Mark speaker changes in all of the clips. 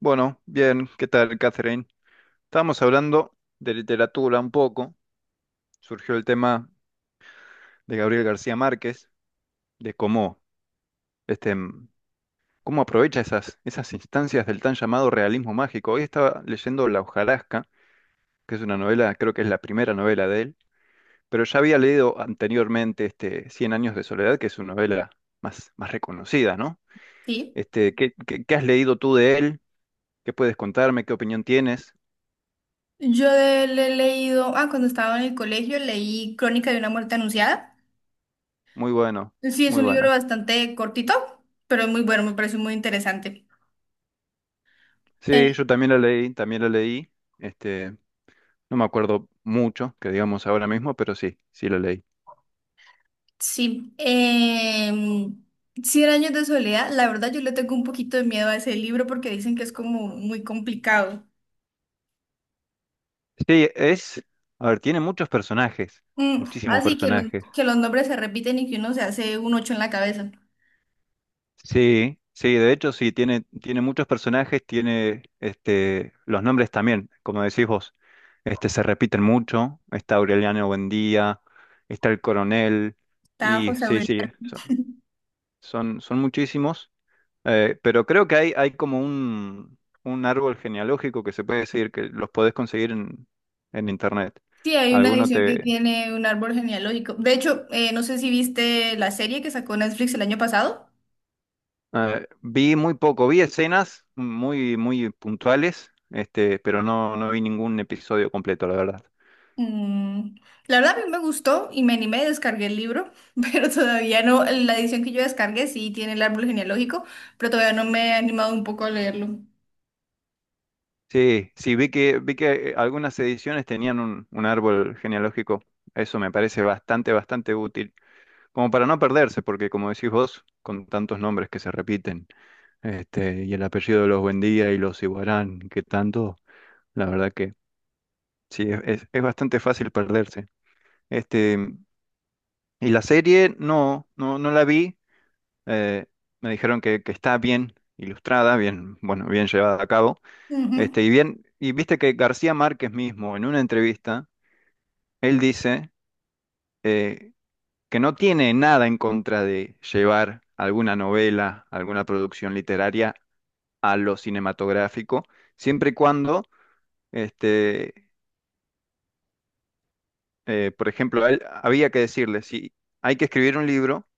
Speaker 1: Bueno, bien, ¿qué tal, Catherine? Estábamos hablando de literatura un poco. Surgió el tema de Gabriel García Márquez, de cómo, este, mm, cómo aprovecha esas instancias del tan llamado realismo mágico. Hoy estaba leyendo La hojarasca, que es una novela, creo que es la primera novela de él, pero ya había leído anteriormente Cien años de soledad, que es una novela más reconocida, ¿no?
Speaker 2: Sí.
Speaker 1: ¿ qué has leído tú de él? ¿Qué puedes contarme? ¿Qué opinión tienes?
Speaker 2: Yo de él he leído, cuando estaba en el colegio leí Crónica de una muerte anunciada.
Speaker 1: Muy bueno,
Speaker 2: Sí, es
Speaker 1: muy
Speaker 2: un libro
Speaker 1: buena.
Speaker 2: bastante cortito, pero es muy bueno, me parece muy interesante.
Speaker 1: Sí,
Speaker 2: Eh,
Speaker 1: yo también lo leí, también lo leí. Este, no me acuerdo mucho, que digamos ahora mismo, pero sí, sí lo leí.
Speaker 2: sí. Cien años de soledad, la verdad yo le tengo un poquito de miedo a ese libro porque dicen que es como muy complicado.
Speaker 1: Sí, es, a ver, tiene muchos personajes, muchísimos
Speaker 2: Así que,
Speaker 1: personajes.
Speaker 2: que los nombres se repiten y que uno se hace un ocho en la cabeza.
Speaker 1: Sí, sí, de hecho sí, tiene muchos personajes, tiene los nombres también, como decís vos, se repiten mucho. Está Aureliano Buendía, está el coronel,
Speaker 2: Está
Speaker 1: y
Speaker 2: José.
Speaker 1: sí, sí, son muchísimos. Pero creo que hay como un árbol genealógico que se puede decir que los podés conseguir en internet.
Speaker 2: Sí, hay una
Speaker 1: Alguno
Speaker 2: edición que
Speaker 1: te...
Speaker 2: tiene un árbol genealógico. De hecho, no sé si viste la serie que sacó Netflix el año pasado.
Speaker 1: vi muy poco, vi escenas muy puntuales, pero no, no vi ningún episodio completo, la verdad.
Speaker 2: Mm, la verdad a mí me gustó y me animé, descargué el libro, pero todavía no, la edición que yo descargué sí tiene el árbol genealógico, pero todavía no me he animado un poco a leerlo.
Speaker 1: Sí, sí, vi que algunas ediciones tenían un árbol genealógico. Eso me parece bastante, bastante útil. Como para no perderse, porque como decís vos, con tantos nombres que se repiten. Y el apellido de los Buendía y los Iguarán, que tanto, la verdad que sí, es bastante fácil perderse. Este, y la serie no la vi, eh, me dijeron que está bien ilustrada, bien, bueno, bien llevada a cabo,
Speaker 2: Ujú,
Speaker 1: y bien, y viste que García Márquez mismo, en una entrevista, él dice eh, que no tiene nada en contra de llevar alguna novela, alguna producción literaria a lo cinematográfico, siempre y cuando Este, por ejemplo, a él había que decirle, si hay que escribir un libro,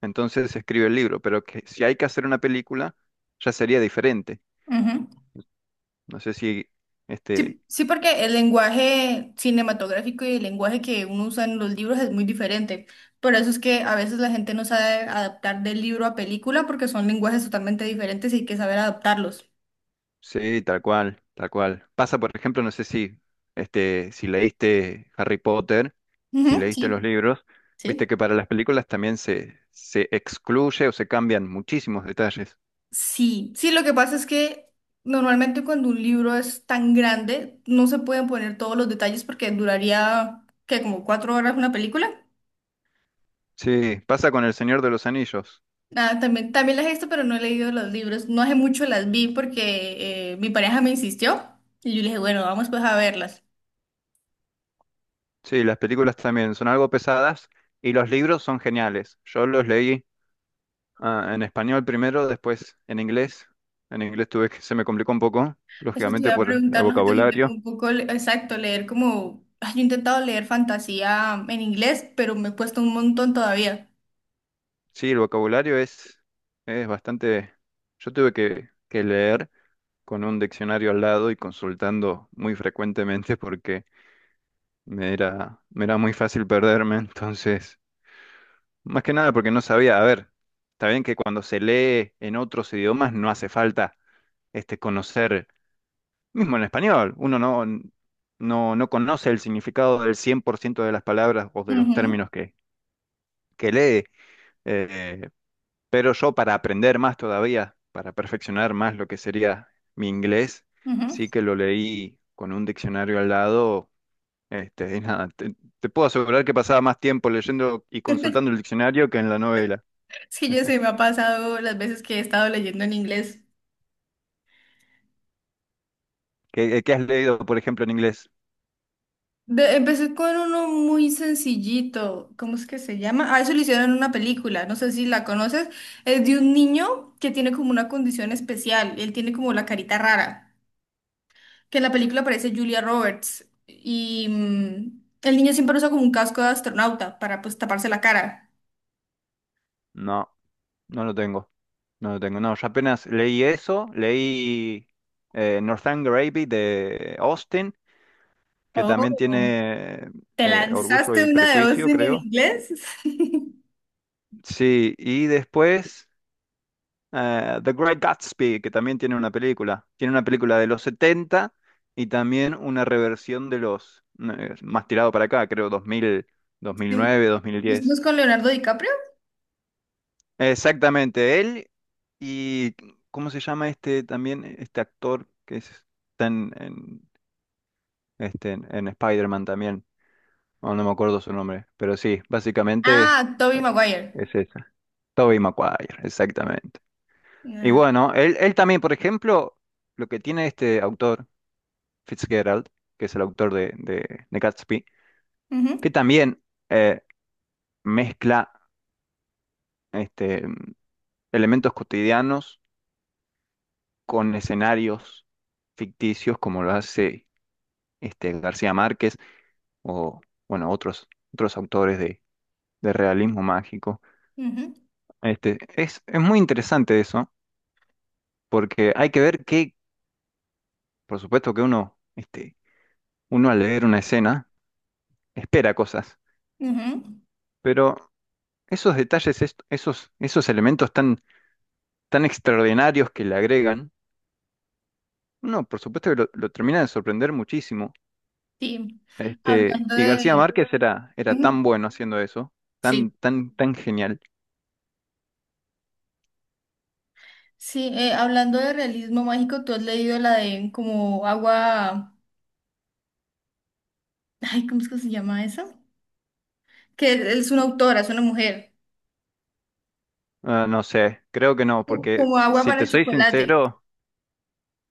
Speaker 1: entonces se escribe el libro, pero que si hay que hacer una película, ya sería diferente.
Speaker 2: ujú.
Speaker 1: No sé si, este,
Speaker 2: Sí, sí, porque el lenguaje cinematográfico y el lenguaje que uno usa en los libros es muy diferente. Por eso es que a veces la gente no sabe adaptar del libro a película porque son lenguajes totalmente diferentes y hay que saber adaptarlos.
Speaker 1: sí, tal cual, tal cual. Pasa, por ejemplo, no sé si, si leíste Harry Potter, si
Speaker 2: Ujú,
Speaker 1: leíste los
Speaker 2: sí,
Speaker 1: libros, viste
Speaker 2: sí.
Speaker 1: que para las películas también se excluye o se cambian muchísimos detalles.
Speaker 2: Sí, sí, lo que pasa es que normalmente cuando un libro es tan grande no se pueden poner todos los detalles porque duraría, que como cuatro horas una película.
Speaker 1: Sí, pasa con El Señor de los Anillos.
Speaker 2: Ah, también, también las he visto, pero no he leído los libros. No hace mucho las vi porque mi pareja me insistió y yo le dije, bueno, vamos pues a verlas.
Speaker 1: Sí, las películas también son algo pesadas y los libros son geniales. Yo los leí en español primero, después en inglés. En inglés tuve que se me complicó un poco,
Speaker 2: Eso te
Speaker 1: lógicamente
Speaker 2: iba a
Speaker 1: por el
Speaker 2: preguntar, no sé, te interrumpo
Speaker 1: vocabulario.
Speaker 2: un poco, exacto, leer como... Yo he intentado leer fantasía en inglés, pero me he puesto un montón todavía.
Speaker 1: Sí, el vocabulario es bastante... Yo tuve que leer con un diccionario al lado y consultando muy frecuentemente porque me era muy fácil perderme. Entonces, más que nada porque no sabía, a ver, está bien que cuando se lee en otros idiomas no hace falta conocer, mismo en español, uno no, no, no conoce el significado del 100% de las palabras o de los
Speaker 2: Ujú,
Speaker 1: términos que lee, eh, pero yo para aprender más todavía, para perfeccionar más lo que sería mi inglés,
Speaker 2: ujú.
Speaker 1: sí que lo leí con un diccionario al lado, y nada, te puedo asegurar que pasaba más tiempo leyendo y consultando el diccionario que en la novela.
Speaker 2: Es que yo se me ha pasado las veces que he estado leyendo en inglés.
Speaker 1: ¿Qué, has leído, por ejemplo, en inglés?
Speaker 2: Empecé con uno muy sencillito, ¿cómo es que se llama? Ah, eso lo hicieron en una película, no sé si la conoces, es de un niño que tiene como una condición especial, él tiene como la carita rara, que en la película aparece Julia Roberts y mm, el niño siempre usa como un casco de astronauta para pues taparse la cara.
Speaker 1: No. No lo tengo. No lo tengo. No, yo apenas leí eso, leí Northanger Abbey de Austin, que también
Speaker 2: Oh,
Speaker 1: tiene
Speaker 2: ¿te
Speaker 1: Orgullo
Speaker 2: lanzaste
Speaker 1: y
Speaker 2: una de
Speaker 1: Prejuicio,
Speaker 2: Austin en
Speaker 1: creo.
Speaker 2: inglés?
Speaker 1: Sí, y después The Great Gatsby, que también tiene una película. Tiene una película de los 70 y también una reversión de los, más tirado para acá, creo, dos mil dos mil
Speaker 2: Sí.
Speaker 1: nueve dos mil
Speaker 2: ¿Pues no
Speaker 1: diez
Speaker 2: es con Leonardo DiCaprio?
Speaker 1: Exactamente, él y ¿cómo se llama este también? Este actor que es- está en Spider-Man también. No, no me acuerdo su nombre, pero sí, básicamente
Speaker 2: Ah, Tobey
Speaker 1: eh,
Speaker 2: Maguire.
Speaker 1: es esa. Tobey Maguire, exactamente. Y
Speaker 2: Ah,
Speaker 1: bueno, él también, por ejemplo, lo que tiene este autor, Fitzgerald, que es el autor de Gatsby, que
Speaker 2: ujú,
Speaker 1: también eh, mezcla este, elementos cotidianos con escenarios ficticios como lo hace García Márquez o bueno, otros autores de realismo mágico.
Speaker 2: ujú,
Speaker 1: Es muy interesante eso, porque hay que ver que, por supuesto que uno, uno al leer una escena espera cosas,
Speaker 2: ujú.
Speaker 1: pero esos detalles, esos elementos tan extraordinarios que le agregan, uno por supuesto que lo termina de sorprender muchísimo.
Speaker 2: Sí, hablando
Speaker 1: Y García
Speaker 2: de...
Speaker 1: Márquez era tan
Speaker 2: Ujú,
Speaker 1: bueno haciendo eso,
Speaker 2: sí,
Speaker 1: tan genial.
Speaker 2: sí, hablando de realismo mágico, ¿tú has leído la de como agua... ay, ¿cómo es que se llama esa? Que es una autora, es una mujer.
Speaker 1: Ah, no sé, creo que no, porque
Speaker 2: Como agua
Speaker 1: si
Speaker 2: para
Speaker 1: te
Speaker 2: el
Speaker 1: soy
Speaker 2: chocolate.
Speaker 1: sincero,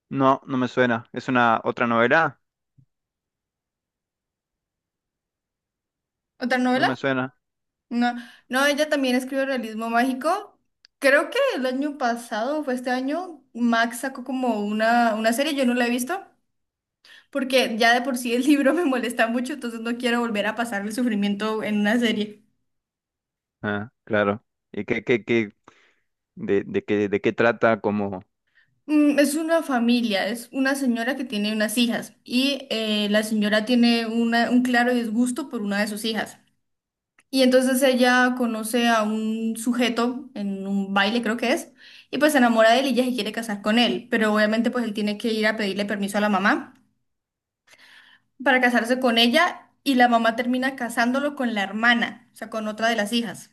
Speaker 1: no, no me suena. ¿Es una otra novela?
Speaker 2: ¿Otra
Speaker 1: No me
Speaker 2: novela?
Speaker 1: suena.
Speaker 2: No, no, ella también escribe realismo mágico. Creo que el año pasado, fue este año, Max sacó como una serie, yo no la he visto, porque ya de por sí el libro me molesta mucho, entonces no quiero volver a pasar el sufrimiento en una serie.
Speaker 1: Ah, claro. ¿Y qué, qué, qué, de qué trata como?
Speaker 2: Mm, es una familia, es una señora que tiene unas hijas y la señora tiene un claro disgusto por una de sus hijas. Y entonces ella conoce a un sujeto en un baile, creo que es, y pues se enamora de él y ella se quiere casar con él, pero obviamente pues él tiene que ir a pedirle permiso a la mamá para casarse con ella y la mamá termina casándolo con la hermana, o sea, con otra de las hijas.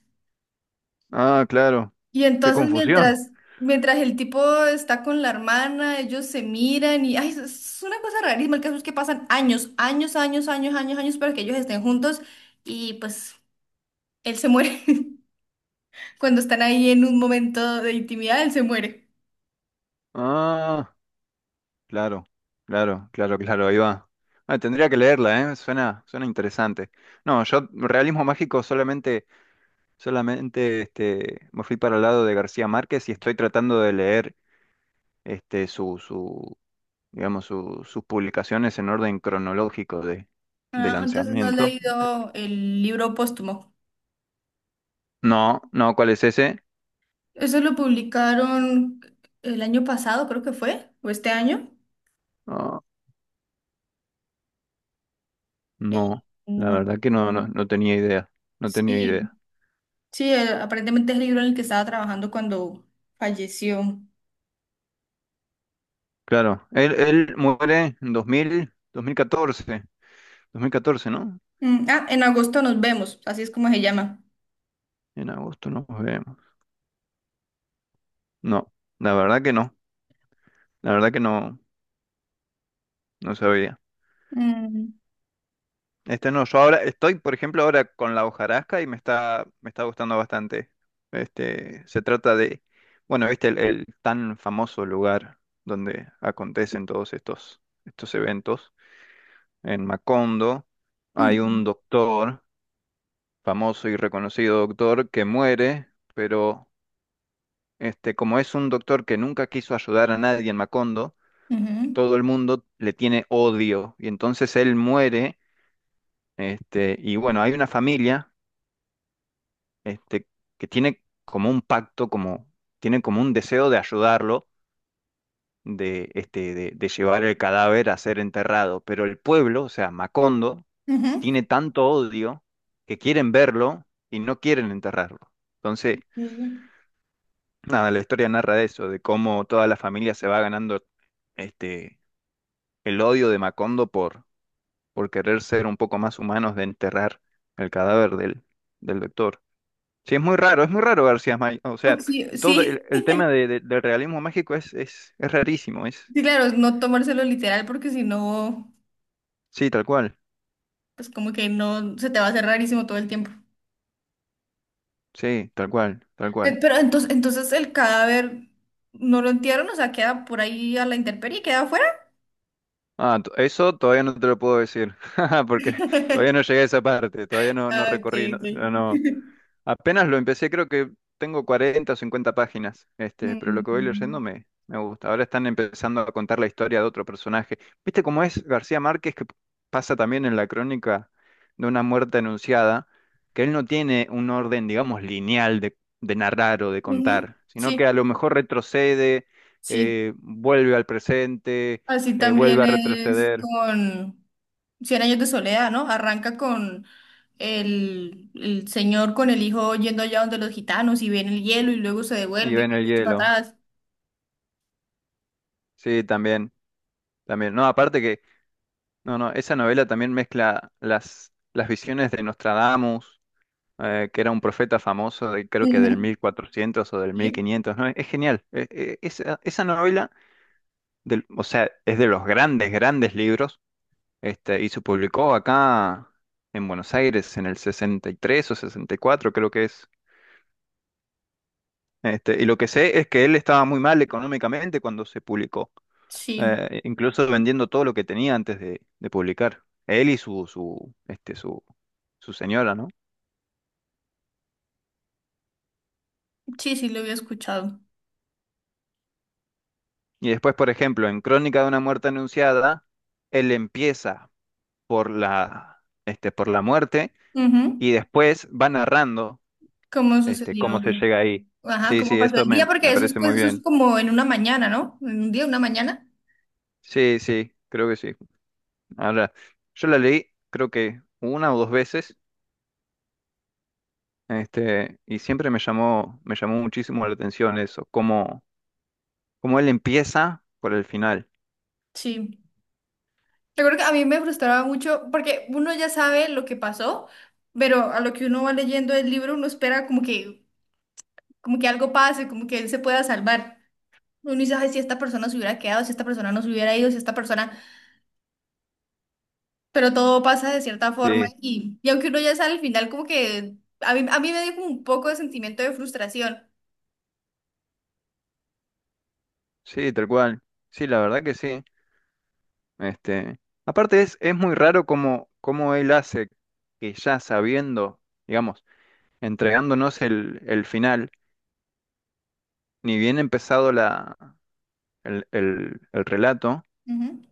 Speaker 1: Ah, claro.
Speaker 2: Y
Speaker 1: Qué
Speaker 2: entonces
Speaker 1: confusión.
Speaker 2: mientras, mientras el tipo está con la hermana, ellos se miran y ay, es una cosa rarísima. El caso es que pasan años, años, años, años, años, años para que ellos estén juntos y pues él se muere. Cuando están ahí en un momento de intimidad, él se muere.
Speaker 1: Ah, claro, claro, ahí va. Ah, tendría que leerla, ¿eh? Suena, suena interesante. No, yo realismo mágico solamente solamente me fui para el lado de García Márquez y estoy tratando de leer este, su, su, digamos, sus publicaciones en orden cronológico de
Speaker 2: Ah, entonces no he
Speaker 1: lanzamiento.
Speaker 2: leído el libro póstumo.
Speaker 1: No, no, ¿cuál es ese?
Speaker 2: Eso lo publicaron el año pasado, creo que fue, o este año.
Speaker 1: No,
Speaker 2: Eh,
Speaker 1: no, la
Speaker 2: no.
Speaker 1: verdad que no, no tenía idea, no tenía
Speaker 2: Sí,
Speaker 1: idea.
Speaker 2: sí, aparentemente es el libro en el que estaba trabajando cuando falleció.
Speaker 1: Claro, él muere en dos mil, 2014, dos mil catorce, ¿no?
Speaker 2: Mm, ah, en agosto nos vemos, así es como se llama.
Speaker 1: En agosto nos vemos. No, la verdad que no, la verdad que no, no sabía.
Speaker 2: Mm,
Speaker 1: Este no, yo ahora estoy, por ejemplo, ahora con la hojarasca y me está gustando bastante. Se trata de, bueno, viste el tan famoso lugar donde acontecen estos eventos. En Macondo hay un
Speaker 2: ujú,
Speaker 1: doctor, famoso y reconocido doctor, que muere, pero como es un doctor que nunca quiso ayudar a nadie en Macondo,
Speaker 2: ujú,
Speaker 1: todo el mundo le tiene odio. Y entonces él muere, y bueno, hay una familia este, que tiene como un pacto, como, tiene como un deseo de ayudarlo, de llevar el cadáver a ser enterrado. Pero el pueblo, o sea, Macondo,
Speaker 2: ujú.
Speaker 1: tiene tanto odio que quieren verlo y no quieren enterrarlo. Entonces,
Speaker 2: Sí.
Speaker 1: nada, la historia narra de eso, de cómo toda la familia se va ganando este, el odio de Macondo por querer ser un poco más humanos de enterrar el cadáver del doctor. Sí, es muy raro García Márquez. O
Speaker 2: O
Speaker 1: sea,
Speaker 2: sí,
Speaker 1: todo
Speaker 2: sí,
Speaker 1: el tema del realismo mágico es rarísimo, es.
Speaker 2: sí, claro, no tomárselo literal porque si no,
Speaker 1: Sí, tal cual.
Speaker 2: pues como que no, se te va a hacer rarísimo todo el tiempo.
Speaker 1: Sí, tal cual, tal cual.
Speaker 2: Pero entonces, entonces el cadáver no lo entierran, o sea, queda por ahí a la intemperie, queda afuera.
Speaker 1: Ah, eso todavía no te lo puedo decir, porque todavía no llegué a esa parte, todavía no, no
Speaker 2: Ah, ok,
Speaker 1: recorrí, no,
Speaker 2: ok.
Speaker 1: no. Apenas lo empecé, creo que tengo 40 o 50 páginas, pero lo que voy leyendo
Speaker 2: Mm,
Speaker 1: me gusta. Ahora están empezando a contar la historia de otro personaje. ¿Viste cómo es García Márquez, que pasa también en la crónica de una muerte anunciada, que él no tiene un orden, digamos, lineal de narrar o de
Speaker 2: ujú,
Speaker 1: contar, sino que a
Speaker 2: sí,
Speaker 1: lo mejor retrocede,
Speaker 2: sí.
Speaker 1: vuelve al presente,
Speaker 2: Así también
Speaker 1: vuelve a
Speaker 2: es
Speaker 1: retroceder
Speaker 2: con... Cien años de soledad, ¿no? Arranca con el señor con el hijo yendo allá donde los gitanos y ven el hielo y luego se
Speaker 1: y
Speaker 2: devuelve
Speaker 1: ve en
Speaker 2: y
Speaker 1: el
Speaker 2: vuelve para
Speaker 1: hielo.
Speaker 2: atrás.
Speaker 1: Sí, también, también. No, aparte que... No, no, esa novela también mezcla las visiones de Nostradamus, que era un profeta famoso, de, creo que del
Speaker 2: Ujú.
Speaker 1: 1400 o del
Speaker 2: Sí,
Speaker 1: 1500, ¿no? Es genial. Esa novela, o sea, es de los grandes, grandes libros, y se publicó acá en Buenos Aires en el 63 o 64, creo que es. Y lo que sé es que él estaba muy mal económicamente cuando se publicó.
Speaker 2: sí,
Speaker 1: Incluso vendiendo todo lo que tenía antes de publicar. Él y su señora, ¿no?
Speaker 2: sí, sí, lo había escuchado.
Speaker 1: Y después, por ejemplo, en Crónica de una muerte anunciada, él empieza por la, por la muerte
Speaker 2: Ujú.
Speaker 1: y después va narrando,
Speaker 2: ¿Cómo sucedió?
Speaker 1: cómo se llega ahí.
Speaker 2: Ajá,
Speaker 1: Sí,
Speaker 2: ¿cómo
Speaker 1: sí,
Speaker 2: pasó
Speaker 1: eso
Speaker 2: el día? Porque
Speaker 1: me
Speaker 2: eso es,
Speaker 1: parece muy
Speaker 2: pues, eso es
Speaker 1: bien.
Speaker 2: como en una mañana, ¿no? En un día, una mañana.
Speaker 1: Sí, sí, creo que sí. Ahora, yo la leí, creo que una o dos veces, y siempre me llamó muchísimo la atención eso, cómo como él empieza por el final.
Speaker 2: Sí. Recuerdo que a mí me frustraba mucho porque uno ya sabe lo que pasó, pero a lo que uno va leyendo el libro uno espera como que algo pase, como que él se pueda salvar. Uno dice, "Ay, si esta persona se hubiera quedado, si esta persona no se hubiera ido, si esta persona, pero todo pasa de cierta forma
Speaker 1: Sí,
Speaker 2: y aunque uno ya sale al final, como que a mí me dio como un poco de sentimiento de frustración.
Speaker 1: sí, tal cual. Sí, la verdad que sí. Este, Aparte es muy raro cómo, cómo él hace que ya sabiendo, digamos, entregándonos el final, ni bien empezado el relato,
Speaker 2: Ujú.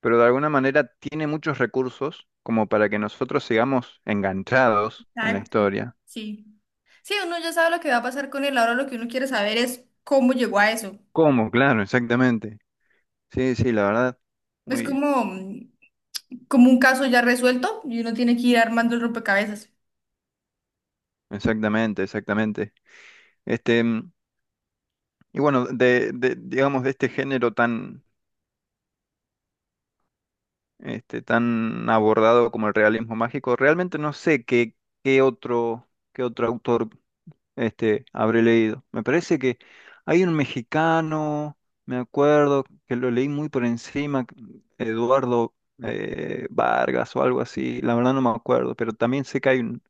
Speaker 1: pero de alguna manera tiene muchos recursos como para que nosotros sigamos enganchados en la
Speaker 2: Exacto.
Speaker 1: historia.
Speaker 2: Sí. Sí, uno ya sabe lo que va a pasar con él, ahora lo que uno quiere saber es cómo llegó a eso.
Speaker 1: ¿Cómo? Claro, exactamente. Sí, sí, la verdad.
Speaker 2: Es
Speaker 1: Muy,
Speaker 2: como, mm, como un caso ya resuelto y uno tiene que ir armando el rompecabezas.
Speaker 1: exactamente, exactamente. Este, Y bueno, digamos, de este género tan, tan abordado como el realismo mágico, realmente no sé qué, qué otro, qué otro autor habré leído. Me parece que hay un mexicano, me acuerdo, que lo leí muy por encima, Eduardo Vargas o algo así, la verdad no me acuerdo, pero también sé que hay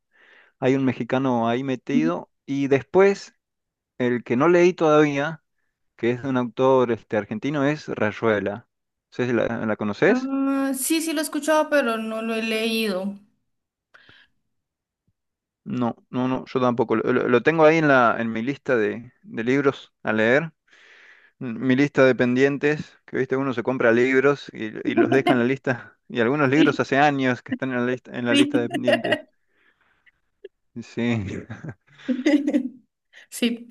Speaker 1: hay un mexicano ahí
Speaker 2: Ujú.
Speaker 1: metido. Y después, el que no leí todavía que es de un autor argentino, es Rayuela. ¿Sí la conoces?
Speaker 2: Ah, sí, sí lo he escuchado, pero no lo he leído.
Speaker 1: No, no, no, yo tampoco. Lo tengo ahí en mi lista de libros a leer. Mi lista de pendientes, que viste, uno se compra libros y los deja en la lista. Y algunos libros
Speaker 2: Sí,
Speaker 1: hace años que están en la lista
Speaker 2: sí.
Speaker 1: de pendientes. Sí.
Speaker 2: Sí,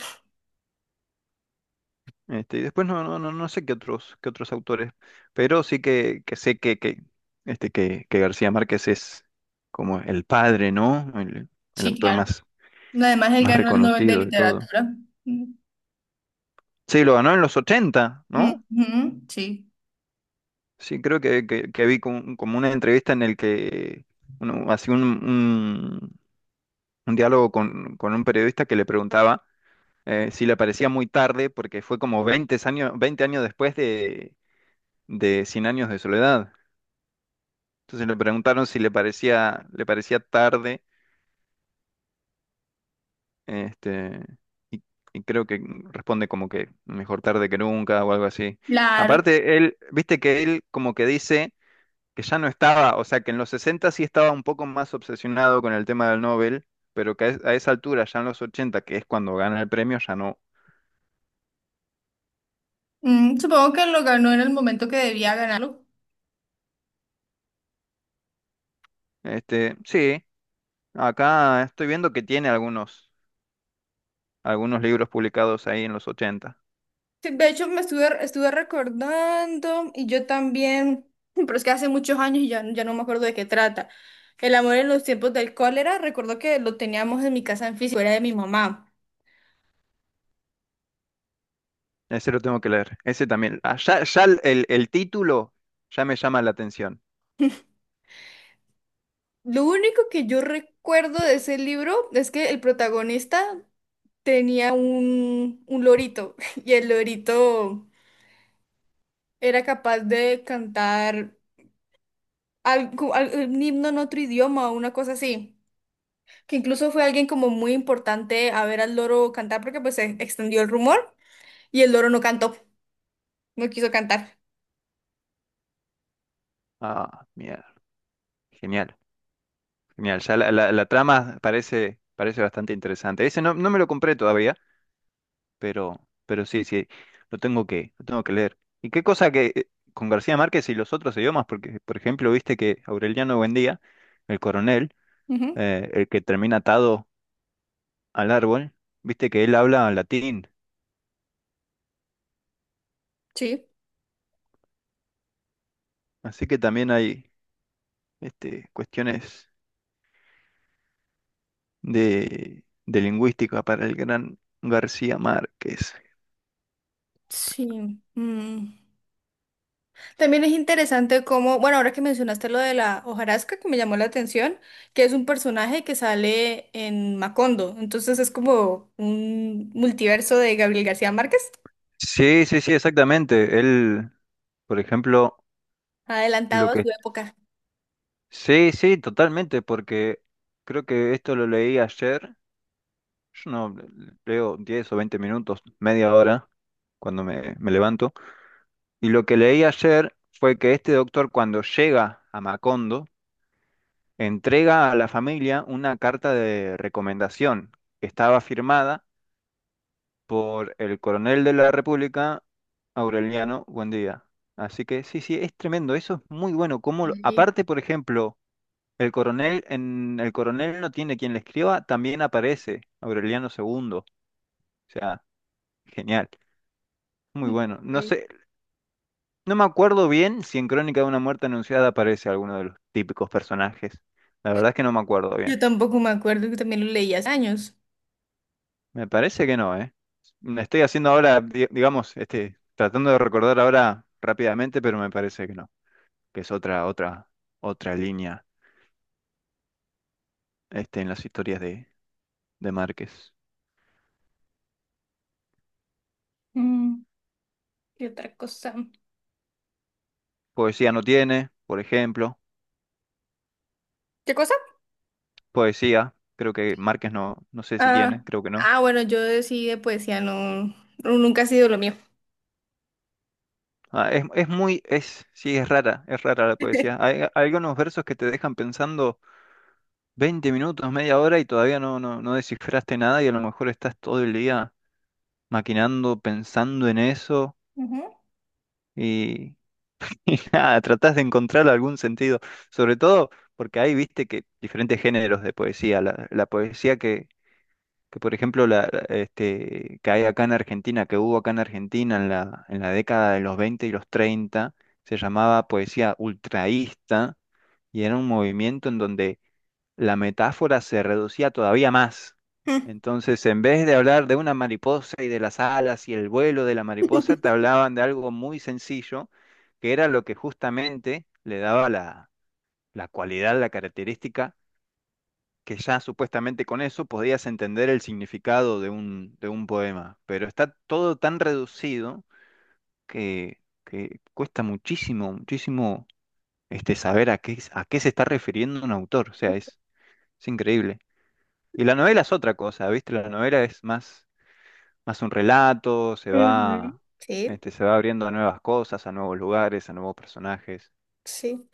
Speaker 1: Y después no sé qué otros autores, pero sí que sé que García Márquez es como el padre, ¿no? El
Speaker 2: sí,
Speaker 1: autor
Speaker 2: claro.
Speaker 1: más
Speaker 2: Además, él
Speaker 1: más
Speaker 2: ganó el Nobel de
Speaker 1: reconocido y todo.
Speaker 2: Literatura. Mm,
Speaker 1: Sí, lo ganó en los 80, ¿no?
Speaker 2: ujú, sí.
Speaker 1: Sí, creo que vi como una entrevista en el que uno hacía un diálogo con un periodista que le preguntaba si le parecía muy tarde porque fue como veinte años después de Cien años de soledad. Entonces le preguntaron si le parecía tarde, este, y, y creo que responde como que mejor tarde que nunca o algo así.
Speaker 2: Claro.
Speaker 1: Aparte, él, viste que él como que dice que ya no estaba, o sea, que en los 60 sí estaba un poco más obsesionado con el tema del Nobel, pero que a esa altura, ya en los 80, que es cuando gana el premio, ya no.
Speaker 2: Mm, supongo que lo ganó en el momento que debía ganarlo.
Speaker 1: Sí, acá estoy viendo que tiene algunos libros publicados ahí en los 80.
Speaker 2: Sí, de hecho, me estuve, estuve recordando y yo también, pero es que hace muchos años y ya, ya no me acuerdo de qué trata. El amor en los tiempos del cólera, recuerdo que lo teníamos en mi casa en físico, era de mi mamá.
Speaker 1: Ese lo tengo que leer. Ese también. Ah, ya ya el título ya me llama la atención.
Speaker 2: Lo único que yo recuerdo de ese libro es que el protagonista tenía un lorito y el lorito... era capaz de cantar un himno en otro idioma o una cosa así. Que incluso fue alguien como muy importante a ver al loro cantar porque pues se extendió el rumor y el loro no cantó, no quiso cantar.
Speaker 1: Ah, mierda. Genial, genial. Ya la trama parece bastante interesante. Ese no, no me lo compré todavía, pero, pero sí, sí, lo tengo que leer. Y qué cosa que con García Márquez y los otros idiomas, porque, por ejemplo, viste que Aureliano Buendía, el coronel,
Speaker 2: Ujú,
Speaker 1: el que termina atado al árbol, viste que él habla latín.
Speaker 2: sí.
Speaker 1: Así que también hay cuestiones de lingüística para el gran García Márquez.
Speaker 2: Sí. Mm. También es interesante cómo, bueno, ahora que mencionaste lo de la hojarasca que me llamó la atención, que es un personaje que sale en Macondo, entonces es como un multiverso de Gabriel García Márquez,
Speaker 1: Sí, sí, sí, exactamente. Él, por ejemplo, lo
Speaker 2: adelantado a su
Speaker 1: que...
Speaker 2: época.
Speaker 1: Sí, sí, totalmente, porque creo que esto lo leí ayer. Yo no leo 10 o 20 minutos, media hora, cuando me levanto. Y lo que leí ayer fue que este doctor, cuando llega a Macondo, entrega a la familia una carta de recomendación que estaba firmada por el coronel de la República, Aureliano Buendía. Así que sí, sí, es tremendo, eso es muy bueno. Como, aparte, por ejemplo, el coronel, en el coronel no tiene quien le escriba, también aparece Aureliano segundo. O sea, genial. Muy bueno. No
Speaker 2: Ok.
Speaker 1: sé, no me acuerdo bien si en Crónica de una muerte anunciada aparece alguno de los típicos personajes. La verdad es que no me acuerdo bien.
Speaker 2: Yo tampoco me acuerdo que también lo leí hace años.
Speaker 1: Me parece que no, ¿eh? Me estoy haciendo ahora, digamos, tratando de recordar ahora rápidamente, pero me parece que no, que es otra línea, en las historias de Márquez.
Speaker 2: Mm, ¿qué otra cosa?
Speaker 1: Poesía no tiene, por ejemplo.
Speaker 2: ¿Qué cosa?
Speaker 1: Poesía, creo que Márquez no, no sé si tiene,
Speaker 2: Ah,
Speaker 1: creo que no.
Speaker 2: ah, bueno, yo sí de poesía no, nunca ha sido lo mío.
Speaker 1: Ah, sí, es rara la poesía. Hay, hay algunos versos que te dejan pensando 20 minutos, media hora y todavía no, no, no descifraste nada y a lo mejor estás todo el día maquinando, pensando en eso
Speaker 2: Ujú.
Speaker 1: y, y nada, tratás de encontrar algún sentido. Sobre todo porque ahí viste que diferentes géneros de poesía, la poesía que por ejemplo que hay acá en Argentina, que hubo acá en Argentina en la década de los 20 y los 30, se llamaba poesía ultraísta y era un movimiento en donde la metáfora se reducía todavía más. Entonces, en vez de hablar de una mariposa y de las alas y el vuelo de la mariposa, te hablaban de algo muy sencillo, que era lo que justamente le daba la, la cualidad, la característica que ya supuestamente con eso podías entender el significado de un poema, pero está todo tan reducido que cuesta muchísimo, muchísimo, saber a qué se está refiriendo un autor, o sea, es increíble. Y la novela es otra cosa, ¿viste? La novela es más un relato, se
Speaker 2: Ujú.
Speaker 1: va,
Speaker 2: Sí,
Speaker 1: este, se va abriendo a nuevas cosas, a nuevos lugares, a nuevos personajes.
Speaker 2: sí.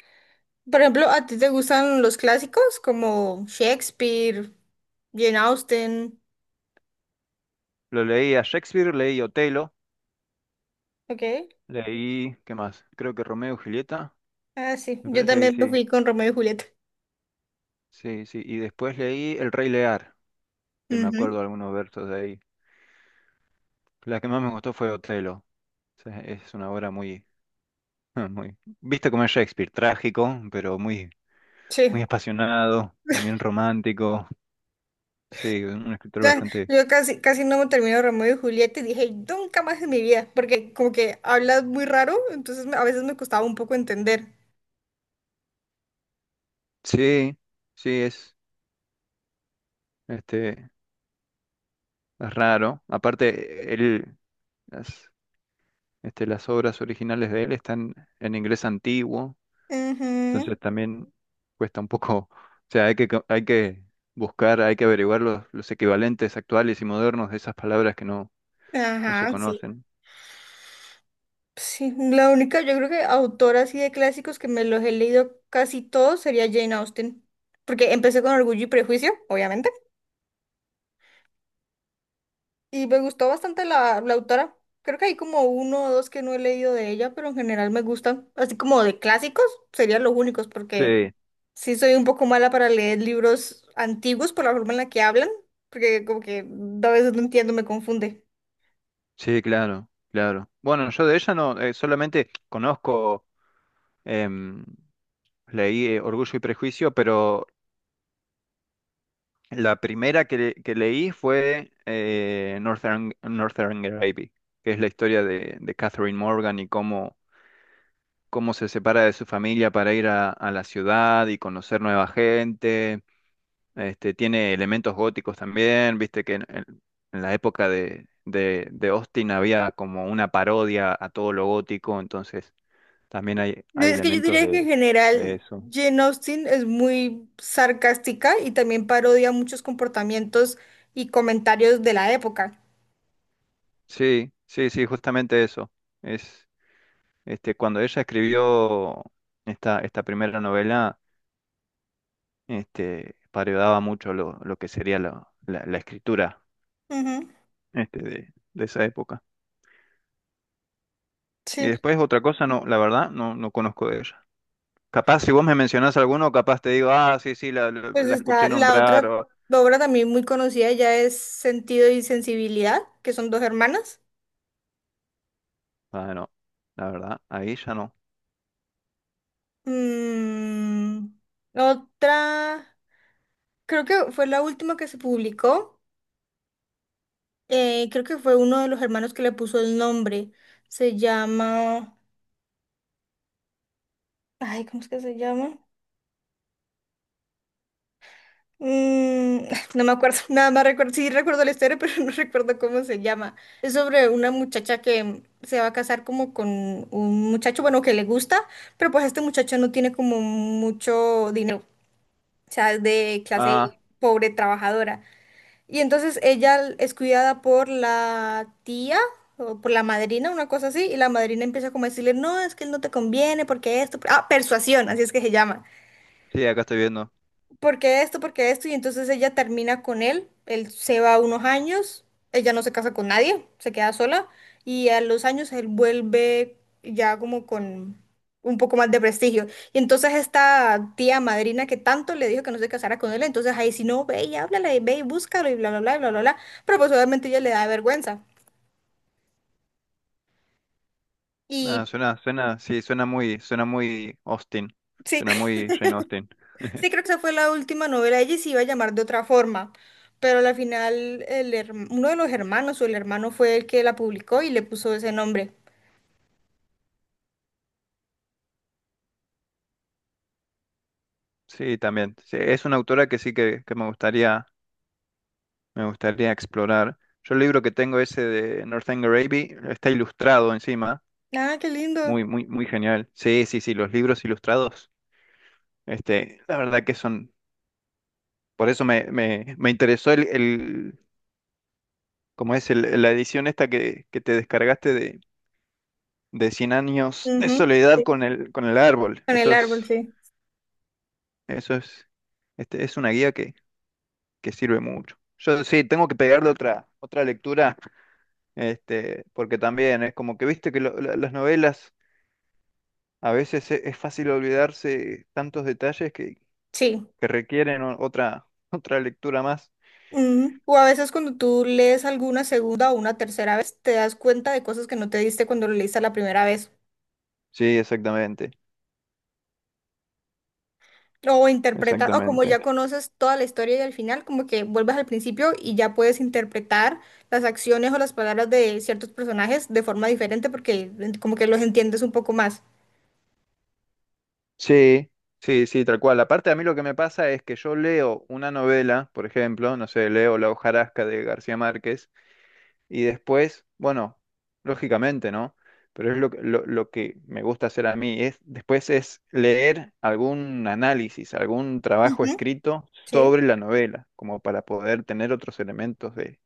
Speaker 2: Por ejemplo, ¿a ti te gustan los clásicos como Shakespeare, Jane Austen?
Speaker 1: Lo leí a Shakespeare, leí Otelo,
Speaker 2: Ok.
Speaker 1: leí, ¿qué más? Creo que Romeo y Julieta,
Speaker 2: Ah, sí.
Speaker 1: me
Speaker 2: Yo
Speaker 1: parece
Speaker 2: también
Speaker 1: que
Speaker 2: me
Speaker 1: sí.
Speaker 2: fui con Romeo y Julieta.
Speaker 1: Sí, sí, y después leí El Rey Lear, que me acuerdo
Speaker 2: Ujú.
Speaker 1: algunos versos de ahí. La que más me gustó fue Otelo. O sea, es una obra muy, muy, viste como es Shakespeare, trágico, pero muy,
Speaker 2: Sí.
Speaker 1: muy apasionado, también romántico. Sí, un escritor
Speaker 2: Sea,
Speaker 1: bastante.
Speaker 2: yo casi, casi no me termino Romeo y Julieta y dije, nunca más en mi vida, porque como que hablas muy raro, entonces a veces me costaba un poco entender.
Speaker 1: Sí, sí, este, es raro. Aparte, él, las, las obras originales de él están en inglés antiguo.
Speaker 2: Ujú,
Speaker 1: Entonces también cuesta un poco, o sea, hay que buscar, hay que averiguar los equivalentes actuales y modernos de esas palabras que no, no se
Speaker 2: ajá, sí.
Speaker 1: conocen.
Speaker 2: Sí, la única, yo creo que autora así de clásicos que me los he leído casi todos sería Jane Austen, porque empecé con Orgullo y Prejuicio, obviamente, y me gustó bastante la, la autora. Creo que hay como uno o dos que no he leído de ella, pero en general me gustan. Así como de clásicos, serían los únicos, porque...
Speaker 1: Sí.
Speaker 2: sí, soy un poco mala para leer libros antiguos por la forma en la que hablan, porque como que a veces no entiendo, me confunde.
Speaker 1: Sí, claro, claro. Bueno, yo de ella no, solamente conozco, em, leí Orgullo y Prejuicio, pero la primera que leí fue Northern Abbey, que es la historia de Catherine Morgan y cómo se separa de su familia para ir a la ciudad y conocer nueva gente. Tiene elementos góticos también, viste que en la época de Austin había como una parodia a todo lo gótico, entonces también hay
Speaker 2: Es que yo
Speaker 1: elementos
Speaker 2: diría que en
Speaker 1: de
Speaker 2: general
Speaker 1: eso.
Speaker 2: Jane Austen es muy sarcástica y también parodia muchos comportamientos y comentarios de la época.
Speaker 1: Sí, sí, sí, justamente eso. Es, Cuando ella escribió esta primera novela, parodiaba mucho lo que sería la escritura,
Speaker 2: Ujú,
Speaker 1: de esa época.
Speaker 2: sí,
Speaker 1: Y después otra cosa, no, la verdad, no, no conozco de ella. Capaz si vos me mencionás alguno, capaz te digo, ah, sí, sí, la, la,
Speaker 2: pues
Speaker 1: la
Speaker 2: está
Speaker 1: escuché
Speaker 2: la
Speaker 1: nombrar
Speaker 2: otra
Speaker 1: o...
Speaker 2: obra también muy conocida ya es Sentido y Sensibilidad, que son dos hermanas.
Speaker 1: Ah, no, la verdad, ahí ya no.
Speaker 2: Mm, otra, creo que fue la última que se publicó. Creo que fue uno de los hermanos que le puso el nombre. Se llama. Ay, ¿cómo es que se llama? Mm, no me acuerdo, nada más recuerdo. Sí, recuerdo la historia, pero no recuerdo cómo se llama. Es sobre una muchacha que se va a casar como con un muchacho, bueno, que le gusta, pero pues este muchacho no tiene como mucho dinero. O sea, es de clase
Speaker 1: Ah,
Speaker 2: pobre trabajadora. Y entonces ella es cuidada por la tía o por la madrina, una cosa así, y la madrina empieza como a decirle, no, es que él no te conviene porque esto, ah, persuasión, así es que se llama.
Speaker 1: sí, acá estoy viendo.
Speaker 2: ¿Por qué esto? ¿Por qué esto? Y entonces ella termina con él, él se va unos años, ella no se casa con nadie, se queda sola y a los años él vuelve ya como con un poco más de prestigio. Y entonces esta tía madrina que tanto le dijo que no se casara con él, entonces ahí si no, ve y háblale, ve y búscalo y bla, bla, bla, bla, bla, bla. Pero pues obviamente ella le da vergüenza.
Speaker 1: Ah,
Speaker 2: Y
Speaker 1: suena, sí, suena muy Austin,
Speaker 2: sí,
Speaker 1: suena muy Jane Austen.
Speaker 2: sí, creo que esa fue la última novela. Ella se iba a llamar de otra forma, pero al final el uno de los hermanos o el hermano fue el que la publicó y le puso ese nombre.
Speaker 1: Sí, también. Sí, es una autora que sí que me gustaría explorar. Yo el libro que tengo ese de Northanger Abbey está ilustrado encima,
Speaker 2: Ah, qué lindo.
Speaker 1: muy, muy, muy genial. Sí, sí, sí, los libros ilustrados. La verdad que son, por eso me interesó el, ¿cómo es? La edición esta que te descargaste de Cien años de
Speaker 2: Ujú,
Speaker 1: soledad
Speaker 2: sí,
Speaker 1: con el árbol.
Speaker 2: con el
Speaker 1: Eso es,
Speaker 2: árbol, sí.
Speaker 1: eso es, es una guía que sirve mucho. Yo sí, tengo que pegarle otra lectura, porque también es como que viste que las novelas a veces es, fácil olvidarse tantos detalles
Speaker 2: Sí.
Speaker 1: que requieren otra lectura más.
Speaker 2: Ujú. O a veces cuando tú lees alguna segunda o una tercera vez, te das cuenta de cosas que no te diste cuando lo leíste la primera vez.
Speaker 1: Sí, exactamente,
Speaker 2: O interpretar, o como ya
Speaker 1: exactamente.
Speaker 2: conoces toda la historia y al final, como que vuelves al principio y ya puedes interpretar las acciones o las palabras de ciertos personajes de forma diferente porque como que los entiendes un poco más.
Speaker 1: Sí, sí, sí, tal cual. Aparte, a mí lo que me pasa es que yo leo una novela, por ejemplo, no sé, leo La hojarasca de García Márquez, y después, bueno, lógicamente, ¿no? Pero es lo que me gusta hacer a mí, es después es leer algún análisis, algún trabajo
Speaker 2: Ujú,
Speaker 1: escrito
Speaker 2: sí.
Speaker 1: sobre la novela, como para poder tener otros elementos de,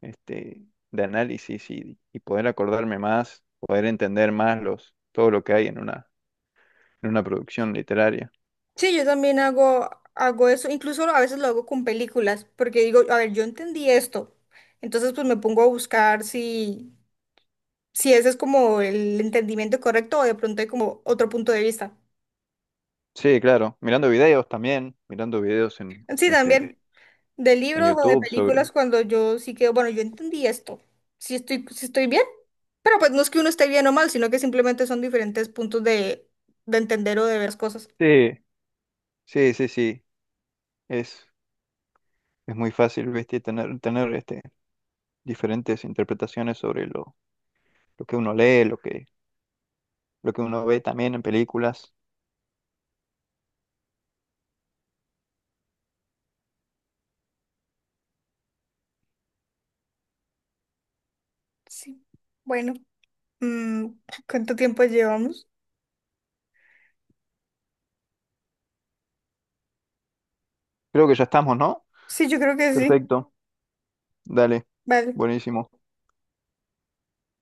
Speaker 1: de análisis y poder acordarme más, poder entender más todo lo que hay en una producción literaria.
Speaker 2: Sí, yo también hago, hago eso, incluso a veces lo hago con películas, porque digo, a ver, yo entendí esto. Entonces, pues me pongo a buscar si, si ese es como el entendimiento correcto o de pronto hay como otro punto de vista.
Speaker 1: Sí, claro. Mirando videos también, mirando videos en
Speaker 2: Sí,
Speaker 1: este
Speaker 2: también. De
Speaker 1: en
Speaker 2: libros o de
Speaker 1: YouTube sobre.
Speaker 2: películas cuando yo sí que, bueno, yo entendí esto. Si estoy, si estoy bien. Pero pues no es que uno esté bien o mal, sino que simplemente son diferentes puntos de entender o de ver las cosas.
Speaker 1: Sí, sí, sí, sí. Es, es muy fácil, ¿viste? Tener diferentes interpretaciones sobre lo que uno lee, lo que uno ve también en películas.
Speaker 2: Sí. Bueno, mm, ¿cuánto tiempo llevamos?
Speaker 1: Creo que ya estamos, ¿no?
Speaker 2: Sí, yo creo que sí.
Speaker 1: Perfecto. Dale.
Speaker 2: Vale.
Speaker 1: Buenísimo.